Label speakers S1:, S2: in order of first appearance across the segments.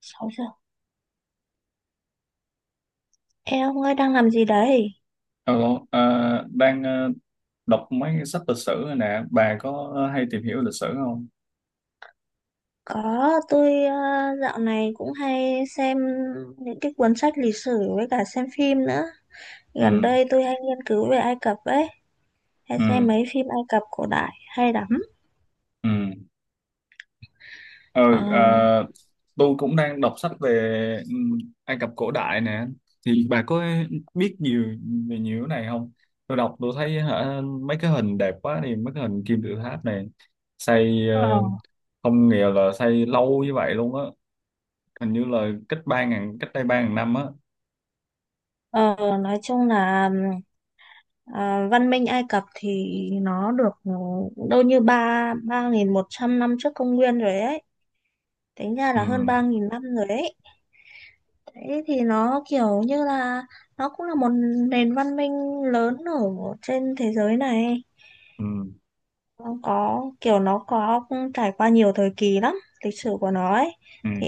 S1: Sáu giờ. Ê ông ơi đang làm gì đấy?
S2: Alo, à, đang đọc mấy cái sách lịch sử này nè, bà có hay tìm hiểu lịch sử không?
S1: Có, tôi dạo này cũng hay xem những cái cuốn sách lịch sử với cả xem phim nữa.
S2: Ừ,
S1: Gần đây tôi hay nghiên cứu về Ai Cập ấy, hay
S2: ừ,
S1: xem mấy phim Ai Cập cổ đại hay lắm.
S2: ừ.
S1: Ờ,
S2: Ừ, à, tôi cũng đang đọc sách về ừ, Ai Cập cổ đại nè, thì bà có biết nhiều về nhiều cái này không? Tôi đọc tôi thấy hả, mấy cái hình đẹp quá đi, mấy cái hình kim tự tháp này, xây
S1: Ờ,
S2: không nghĩa là xây lâu như vậy luôn á, hình như là cách đây 3.000 năm á.
S1: ờ, nói chung là ờ, văn minh Ai Cập thì nó được đâu như ba ba nghìn một trăm năm trước công nguyên rồi ấy. Tính ra
S2: Ừ,
S1: là hơn 3.000 năm rồi ấy. Đấy thì nó kiểu như là nó cũng là một nền văn minh lớn ở trên thế giới này.
S2: ừ,
S1: Nó có trải qua nhiều thời kỳ lắm, lịch sử của nó ấy
S2: ừ.
S1: thì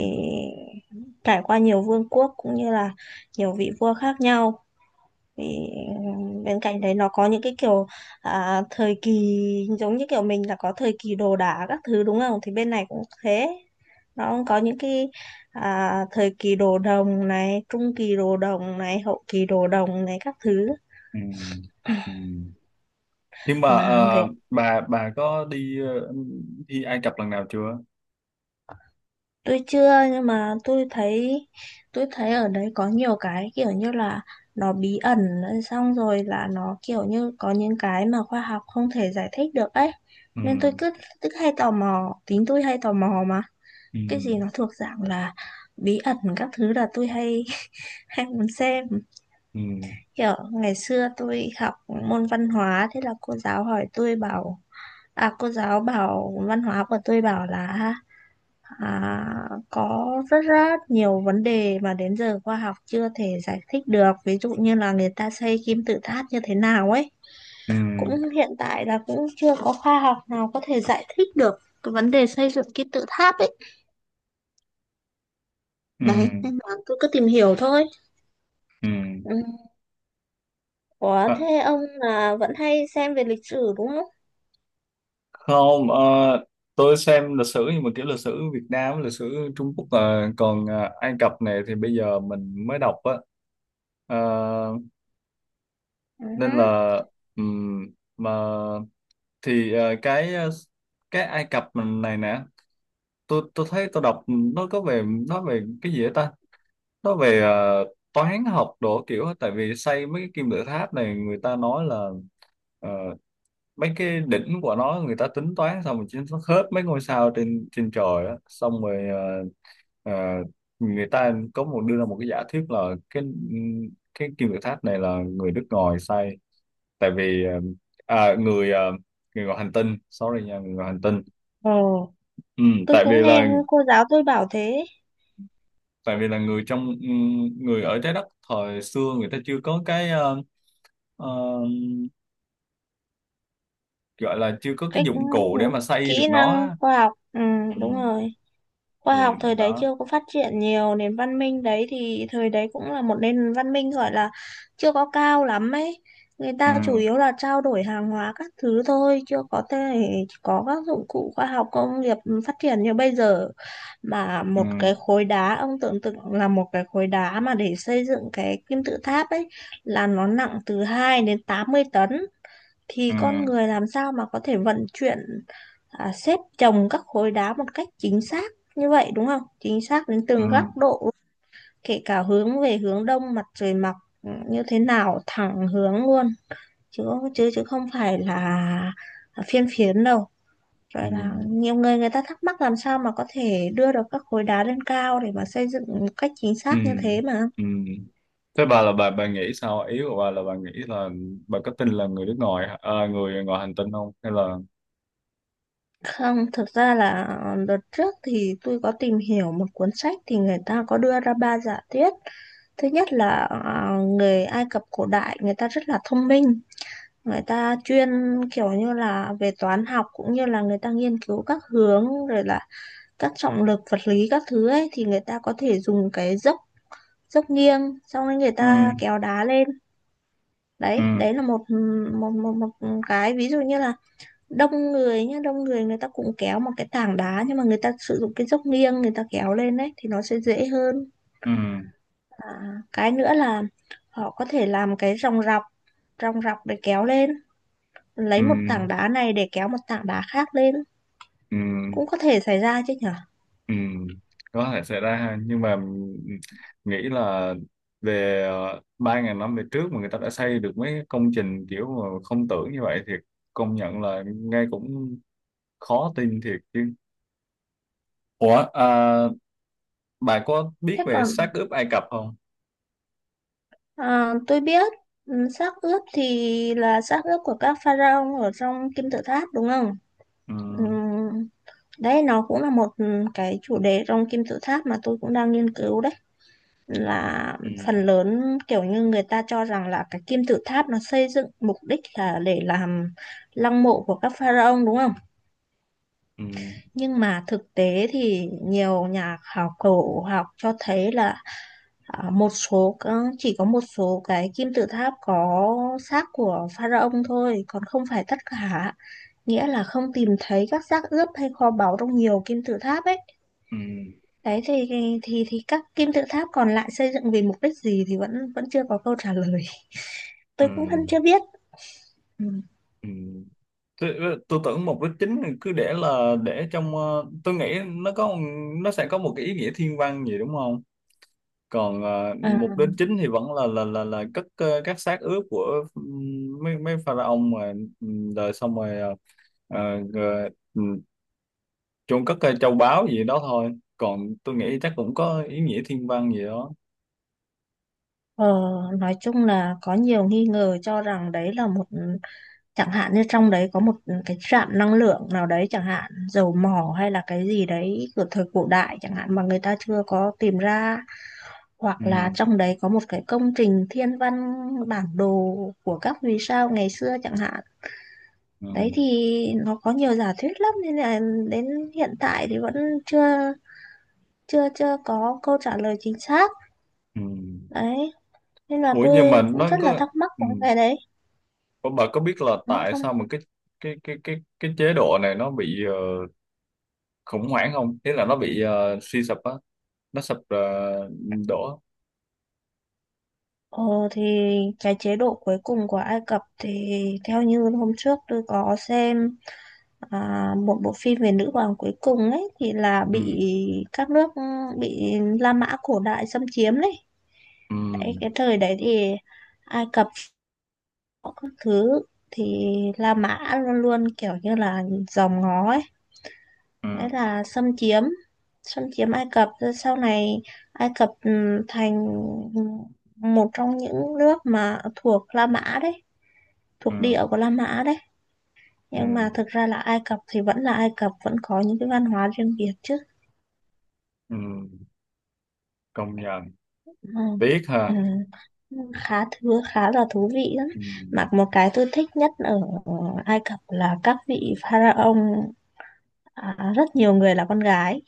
S1: trải qua nhiều vương quốc cũng như là nhiều vị vua khác nhau. Thì ờ, bên cạnh đấy nó có những cái kiểu thời kỳ giống như kiểu mình là có thời kỳ đồ đá các thứ đúng không? Thì bên này cũng thế. Nó cũng có những cái thời kỳ đồ đồng này, trung kỳ đồ đồng này, hậu kỳ đồ đồng này các thứ.
S2: Ừ. Ừ. Nhưng mà
S1: Mà người
S2: bà có đi Ai Cập lần nào chưa?
S1: tôi chưa nhưng mà tôi thấy ở đấy có nhiều cái kiểu như là nó bí ẩn xong rồi là nó kiểu như có những cái mà khoa học không thể giải thích được ấy
S2: Ừ.
S1: nên tôi cứ cứ hay tò mò, tính tôi hay tò mò mà,
S2: Ừ.
S1: cái gì nó thuộc dạng là bí ẩn các thứ là tôi hay hay muốn xem.
S2: Ừ.
S1: Kiểu ngày xưa tôi học môn văn hóa, thế là cô giáo hỏi, tôi bảo cô giáo bảo văn hóa của tôi bảo là, có rất rất nhiều vấn đề mà đến giờ khoa học chưa thể giải thích được, ví dụ như là người ta xây kim tự tháp như thế nào ấy,
S2: Ừ.
S1: cũng hiện tại là cũng chưa có khoa học nào có thể giải thích được cái vấn đề xây dựng kim tự tháp ấy,
S2: Ừ.
S1: đấy nên là tôi cứ tìm hiểu thôi,
S2: Ừ.
S1: ừ. Ủa
S2: À,
S1: thế ông là vẫn hay xem về lịch sử đúng không?
S2: không, tôi xem lịch sử nhưng mà kiểu lịch sử Việt Nam, lịch sử Trung Quốc, còn Ai Cập này thì bây giờ mình mới đọc á. Ờ,
S1: Ừ.
S2: nên là ừm, mà thì cái Ai Cập này nè tôi thấy tôi đọc nó có về nó về cái gì vậy ta, nó về toán học đồ kiểu á. Tại vì xây mấy cái kim tự tháp này người ta nói là ờ, mấy cái đỉnh của nó người ta tính toán xong rồi chính nó khớp mấy ngôi sao trên trên trời á, xong rồi ờ, người ta có một đưa ra một cái giả thuyết là cái cái kim tự tháp này là người nước ngoài xây, tại vì à, người ờ, người ngoài hành tinh, sorry nha, người ngoài hành tinh.
S1: Ồ,
S2: ừ,
S1: tôi
S2: tại vì
S1: cũng nghe
S2: là
S1: cô giáo tôi bảo thế.
S2: tại vì là người trong ừ, người ở trái đất thời xưa người ta chưa có cái ờ, gọi là chưa có cái
S1: Cách
S2: dụng cụ để mà xây được
S1: kỹ
S2: nó
S1: năng
S2: á.
S1: khoa học,
S2: Ừ,
S1: đúng rồi, khoa
S2: thì
S1: học thời đấy
S2: đó.
S1: chưa có phát triển nhiều, nền văn minh đấy thì thời đấy cũng là một nền văn minh gọi là chưa có cao lắm ấy. Người
S2: Ừ,
S1: ta chủ yếu là trao đổi hàng hóa các thứ thôi, chưa có thể có các dụng cụ khoa học công nghiệp phát triển như bây giờ. Mà
S2: ừ,
S1: một cái khối đá, ông tưởng tượng là một cái khối đá mà để xây dựng cái kim tự tháp ấy là nó nặng từ 2 đến 80 tấn
S2: ừ,
S1: thì con người làm sao mà có thể vận chuyển, xếp chồng các khối đá một cách chính xác như vậy đúng không? Chính xác đến
S2: ừ,
S1: từng góc độ, kể cả hướng về hướng đông mặt trời mọc, như thế nào thẳng hướng luôn, chứ chứ chứ không phải là phiên phiến đâu.
S2: ừ,
S1: Rồi là nhiều người, người ta thắc mắc làm sao mà có thể đưa được các khối đá lên cao để mà xây dựng một cách chính
S2: ừ,
S1: xác như thế mà.
S2: ừ. Thế bà là bà nghĩ sao, ý của bà là bà nghĩ là bà có tin là người ngoài hành tinh không, hay là?
S1: Không, thực ra là đợt trước thì tôi có tìm hiểu một cuốn sách thì người ta có đưa ra ba giả thuyết. Thứ nhất là à, người Ai Cập cổ đại người ta rất là thông minh, người ta chuyên kiểu như là về toán học cũng như là người ta nghiên cứu các hướng, rồi là các trọng lực vật lý các thứ ấy, thì người ta có thể dùng cái dốc dốc nghiêng, xong rồi người
S2: Ừ,
S1: ta kéo đá lên.
S2: ừ,
S1: Đấy đấy là một một một một cái ví dụ, như là đông người nhá, đông người, người ta cũng kéo một cái tảng đá nhưng mà người ta sử dụng cái dốc nghiêng người ta kéo lên đấy thì nó sẽ dễ hơn.
S2: ừ,
S1: à, cái nữa là họ có thể làm cái ròng rọc để kéo lên,
S2: ừ,
S1: lấy một tảng
S2: ừ.
S1: đá này để kéo một tảng đá khác lên,
S2: Ừ.
S1: cũng có thể xảy ra chứ nhở.
S2: Ừ, có thể xảy ra ha, nhưng mà mình nghĩ là về 3.000 năm về trước mà người ta đã xây được mấy công trình kiểu mà không tưởng như vậy thì công nhận là nghe cũng khó tin thiệt chứ. Ủa, bà có biết
S1: Thế
S2: về
S1: còn
S2: xác ướp Ai Cập không?
S1: tôi biết, ừ, xác ướp thì là xác ướp của các pharaoh ở trong kim tự tháp đúng không?
S2: Ừ,
S1: Ừ, đấy nó cũng là một ừ, cái chủ đề trong kim tự tháp mà tôi cũng đang nghiên cứu đấy, là
S2: ừ,
S1: phần lớn kiểu như người ta cho rằng là cái kim tự tháp nó xây dựng mục đích là để làm lăng mộ của các pharaoh đúng không?
S2: ừ,
S1: Nhưng mà thực tế thì nhiều nhà khảo cổ học cho thấy là, Ờ, một số chỉ có một số cái kim tự tháp có xác của pharaoh thôi, còn không phải tất cả. Nghĩa là không tìm thấy các xác ướp hay kho báu trong nhiều kim tự tháp ấy.
S2: ừ,
S1: Đấy thì thì các kim tự tháp còn lại xây dựng vì mục đích gì thì vẫn vẫn chưa có câu trả lời.
S2: ừ,
S1: Tôi cũng vẫn chưa biết. Ừ.
S2: ừ. Tôi tưởng mục đích chính cứ để trong tôi nghĩ nó sẽ có một cái ý nghĩa thiên văn gì đúng không? Còn à,
S1: À,
S2: mục đích chính thì vẫn là cất các xác ướp của mấy mấy pharaoh mà. Rồi xong rồi ờ, ờ, rồi, chôn cất châu báu gì đó thôi, còn tôi nghĩ chắc cũng có ý nghĩa thiên văn gì đó.
S1: Ờ, nói chung là có nhiều nghi ngờ cho rằng đấy là một, chẳng hạn như trong đấy có một cái trạm năng lượng nào đấy chẳng hạn, dầu mỏ hay là cái gì đấy của thời cổ đại chẳng hạn mà người ta chưa có tìm ra, hoặc là
S2: Ừ.
S1: trong đấy có một cái công trình thiên văn, bản đồ của các vì sao ngày xưa chẳng hạn.
S2: Ừ.
S1: Đấy thì nó có nhiều giả thuyết lắm nên là đến hiện tại thì vẫn chưa chưa chưa có câu trả lời chính xác.
S2: Ừ.
S1: Đấy nên là
S2: Ủa, nhưng
S1: tôi
S2: mà
S1: cũng
S2: nó
S1: rất là
S2: có
S1: thắc mắc
S2: ừ.
S1: về cái đấy.
S2: Ủa, bà có biết là
S1: Ừ,
S2: tại
S1: Trong,
S2: sao mà cái chế độ này nó bị khủng hoảng không, thế là nó bị suy sụp á, nó sụp đổ.
S1: ờ, thì cái chế độ cuối cùng của Ai Cập thì theo như hôm trước tôi có xem một bộ phim về nữ hoàng cuối cùng ấy, thì là
S2: Ừ,
S1: bị các nước, bị La Mã cổ đại xâm chiếm đấy.
S2: ừ,
S1: Đấy, cái thời đấy thì Ai Cập có các thứ thì La Mã luôn luôn kiểu như là dòm ngó ấy,
S2: ừ,
S1: đấy là xâm chiếm, xâm chiếm Ai Cập, rồi sau này Ai Cập thành một trong những nước mà thuộc La Mã đấy, thuộc
S2: ừ,
S1: địa của La Mã đấy.
S2: ừ,
S1: Nhưng mà thực ra là Ai Cập thì vẫn là Ai Cập, vẫn có những cái văn hóa riêng biệt chứ,
S2: ừ, công nhận
S1: ừ.
S2: tiếc
S1: Ừ.
S2: ha.
S1: Khá thứ khá là thú vị lắm,
S2: Ừ.
S1: mà một cái tôi thích nhất ở Ai Cập là các vị pharaoh rất nhiều người là con gái.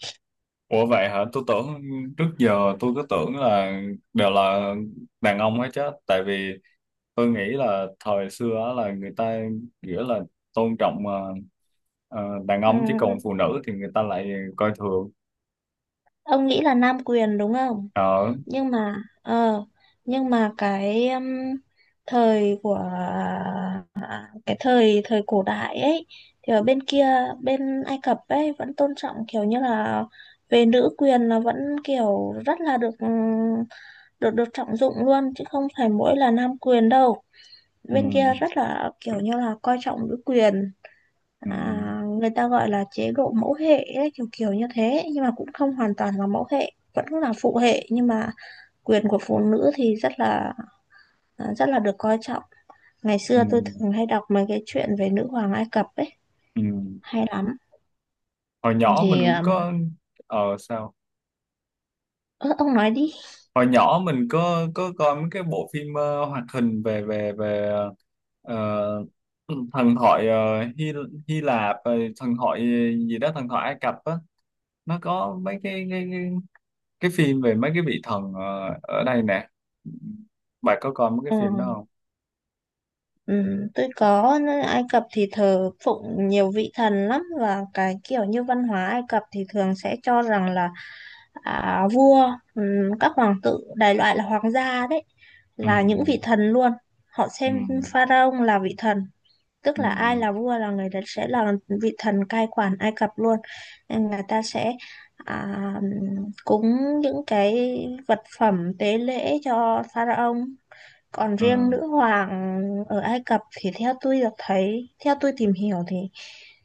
S2: Ủa vậy hả? Tôi tưởng trước giờ tôi cứ tưởng là đều là đàn ông hết chứ, tại vì tôi nghĩ là thời xưa á là người ta nghĩa là tôn trọng đàn
S1: Ừ.
S2: ông chứ còn phụ nữ thì người ta lại coi thường.
S1: Ông nghĩ là nam quyền đúng không?
S2: Ờ.
S1: Nhưng mà ờ nhưng mà cái thời của cái thời thời cổ đại ấy thì ở bên kia, bên Ai Cập ấy vẫn tôn trọng kiểu như là về nữ quyền, là vẫn kiểu rất là được được được trọng dụng luôn chứ không phải mỗi là nam quyền đâu, bên kia
S2: Ừ,
S1: rất là kiểu như là coi trọng nữ quyền.
S2: ừ,
S1: à, Người ta gọi là chế độ mẫu hệ ấy, kiểu kiểu như thế, nhưng mà cũng không hoàn toàn là mẫu hệ, vẫn là phụ hệ nhưng mà quyền của phụ nữ thì rất là được coi trọng. Ngày
S2: ừ,
S1: xưa tôi thường hay đọc mấy cái chuyện về nữ hoàng Ai Cập ấy,
S2: ừ.
S1: hay lắm.
S2: Hồi nhỏ mình
S1: Thì
S2: cũng có, sao?
S1: ơ, ông nói đi.
S2: Hồi nhỏ mình có coi mấy cái bộ phim hoạt hình về về về ờ, thần thoại ờ, Hy Hy Lạp rồi thần thoại gì đó, thần thoại Ai Cập á. Nó có mấy cái phim về mấy cái vị thần ở đây nè, bà có coi mấy cái
S1: Ừ,
S2: phim đó không?
S1: ừ, tôi có. Ai Cập thì thờ phụng nhiều vị thần lắm, và cái kiểu như văn hóa Ai Cập thì thường sẽ cho rằng là vua ừ, các hoàng tử đại loại là hoàng gia đấy
S2: Ừ,
S1: là những vị thần luôn, họ
S2: ừ,
S1: xem pharaoh là vị thần, tức
S2: ừ,
S1: là ai là vua là người đấy sẽ là vị thần cai quản Ai Cập luôn, nên người ta sẽ à, cúng những cái vật phẩm tế lễ cho pharaoh. Còn
S2: ừ,
S1: riêng nữ hoàng ở Ai Cập thì theo tôi được thấy, theo tôi tìm hiểu thì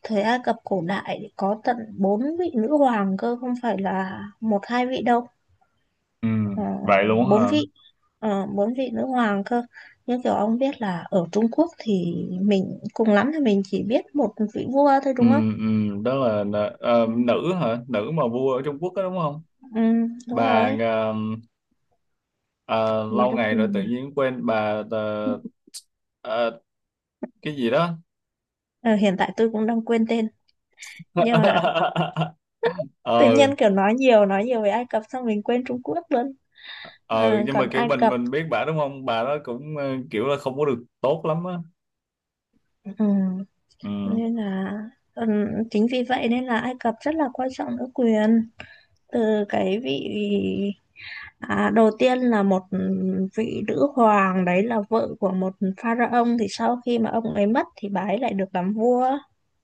S1: thời Ai Cập cổ đại thì có tận 4 vị nữ hoàng cơ, không phải là một hai vị đâu.
S2: ừ.
S1: Ờ,
S2: Vậy luôn
S1: bốn
S2: hả?
S1: vị Ờ, 4 vị nữ hoàng cơ. Nhưng kiểu ông biết là ở Trung Quốc thì mình cùng lắm thì mình chỉ biết một vị vua thôi
S2: Ừ,
S1: đúng không?
S2: ừ. Đó là
S1: Ừ.
S2: nữ hả, nữ mà vua ở Trung Quốc đó đúng không?
S1: Ừ, đúng
S2: Bà
S1: rồi.
S2: Ờ,
S1: Người
S2: lâu
S1: ta
S2: ngày rồi
S1: quyền
S2: tự
S1: nhỉ?
S2: nhiên quên. Bà ờ, cái gì đó.
S1: Ờ, hiện tại tôi cũng đang quên tên nhưng mà
S2: ờ
S1: tự nhiên kiểu nói nhiều về Ai Cập xong mình quên Trung Quốc luôn.
S2: ờ
S1: Ờ,
S2: nhưng mà
S1: còn
S2: kiểu
S1: Ai
S2: mình
S1: Cập
S2: mình biết bà đúng không, bà đó cũng kiểu là không có được tốt lắm á.
S1: ừ,
S2: Ừ,
S1: nên là ừ, chính vì vậy nên là Ai Cập rất là quan trọng nữ quyền, từ cái vị, À, đầu tiên là một vị nữ hoàng đấy là vợ của một pharaoh, thì sau khi mà ông ấy mất thì bà ấy lại được làm vua.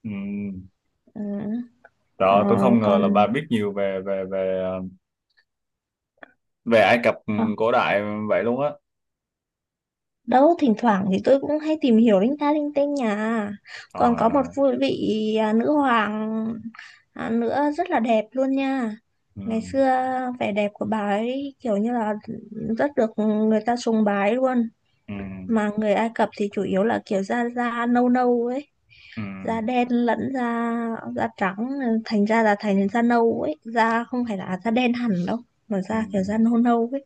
S2: ừ.
S1: Ừ. Ờ,
S2: Đó, tôi không ngờ
S1: còn
S2: là bà biết nhiều về về về ờ, về Ai Cập
S1: ờ,
S2: cổ đại vậy luôn á.
S1: đâu thỉnh thoảng thì tôi cũng hay tìm hiểu linh ta linh tinh nhà. Còn
S2: Trời
S1: có một
S2: ơi.
S1: vui vị nữ hoàng nữa rất là đẹp luôn nha.
S2: Ừ,
S1: Ngày xưa vẻ đẹp của bà ấy kiểu như là rất được người ta sùng bái luôn.
S2: ừ,
S1: Mà người Ai Cập thì chủ yếu là kiểu da da nâu nâu ấy,
S2: ừ,
S1: da đen lẫn da, da trắng ờ, thành ra là thành da nâu ấy, da không phải là da đen hẳn đâu mà
S2: ừ,
S1: da kiểu da nâu nâu ấy,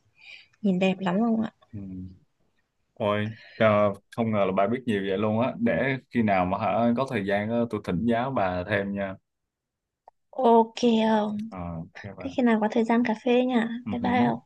S1: nhìn đẹp lắm không ạ.
S2: ừ. Ôi trời, không ngờ là bà biết nhiều vậy luôn á, để khi nào mà hả có thời gian á, tôi thỉnh giáo bà thêm nha.
S1: Ok. Không.
S2: Ờ, ô kê
S1: Thế
S2: bạn.
S1: khi nào có thời gian cà phê nhỉ.
S2: Ừ
S1: Bye bye.
S2: hứm.
S1: Không.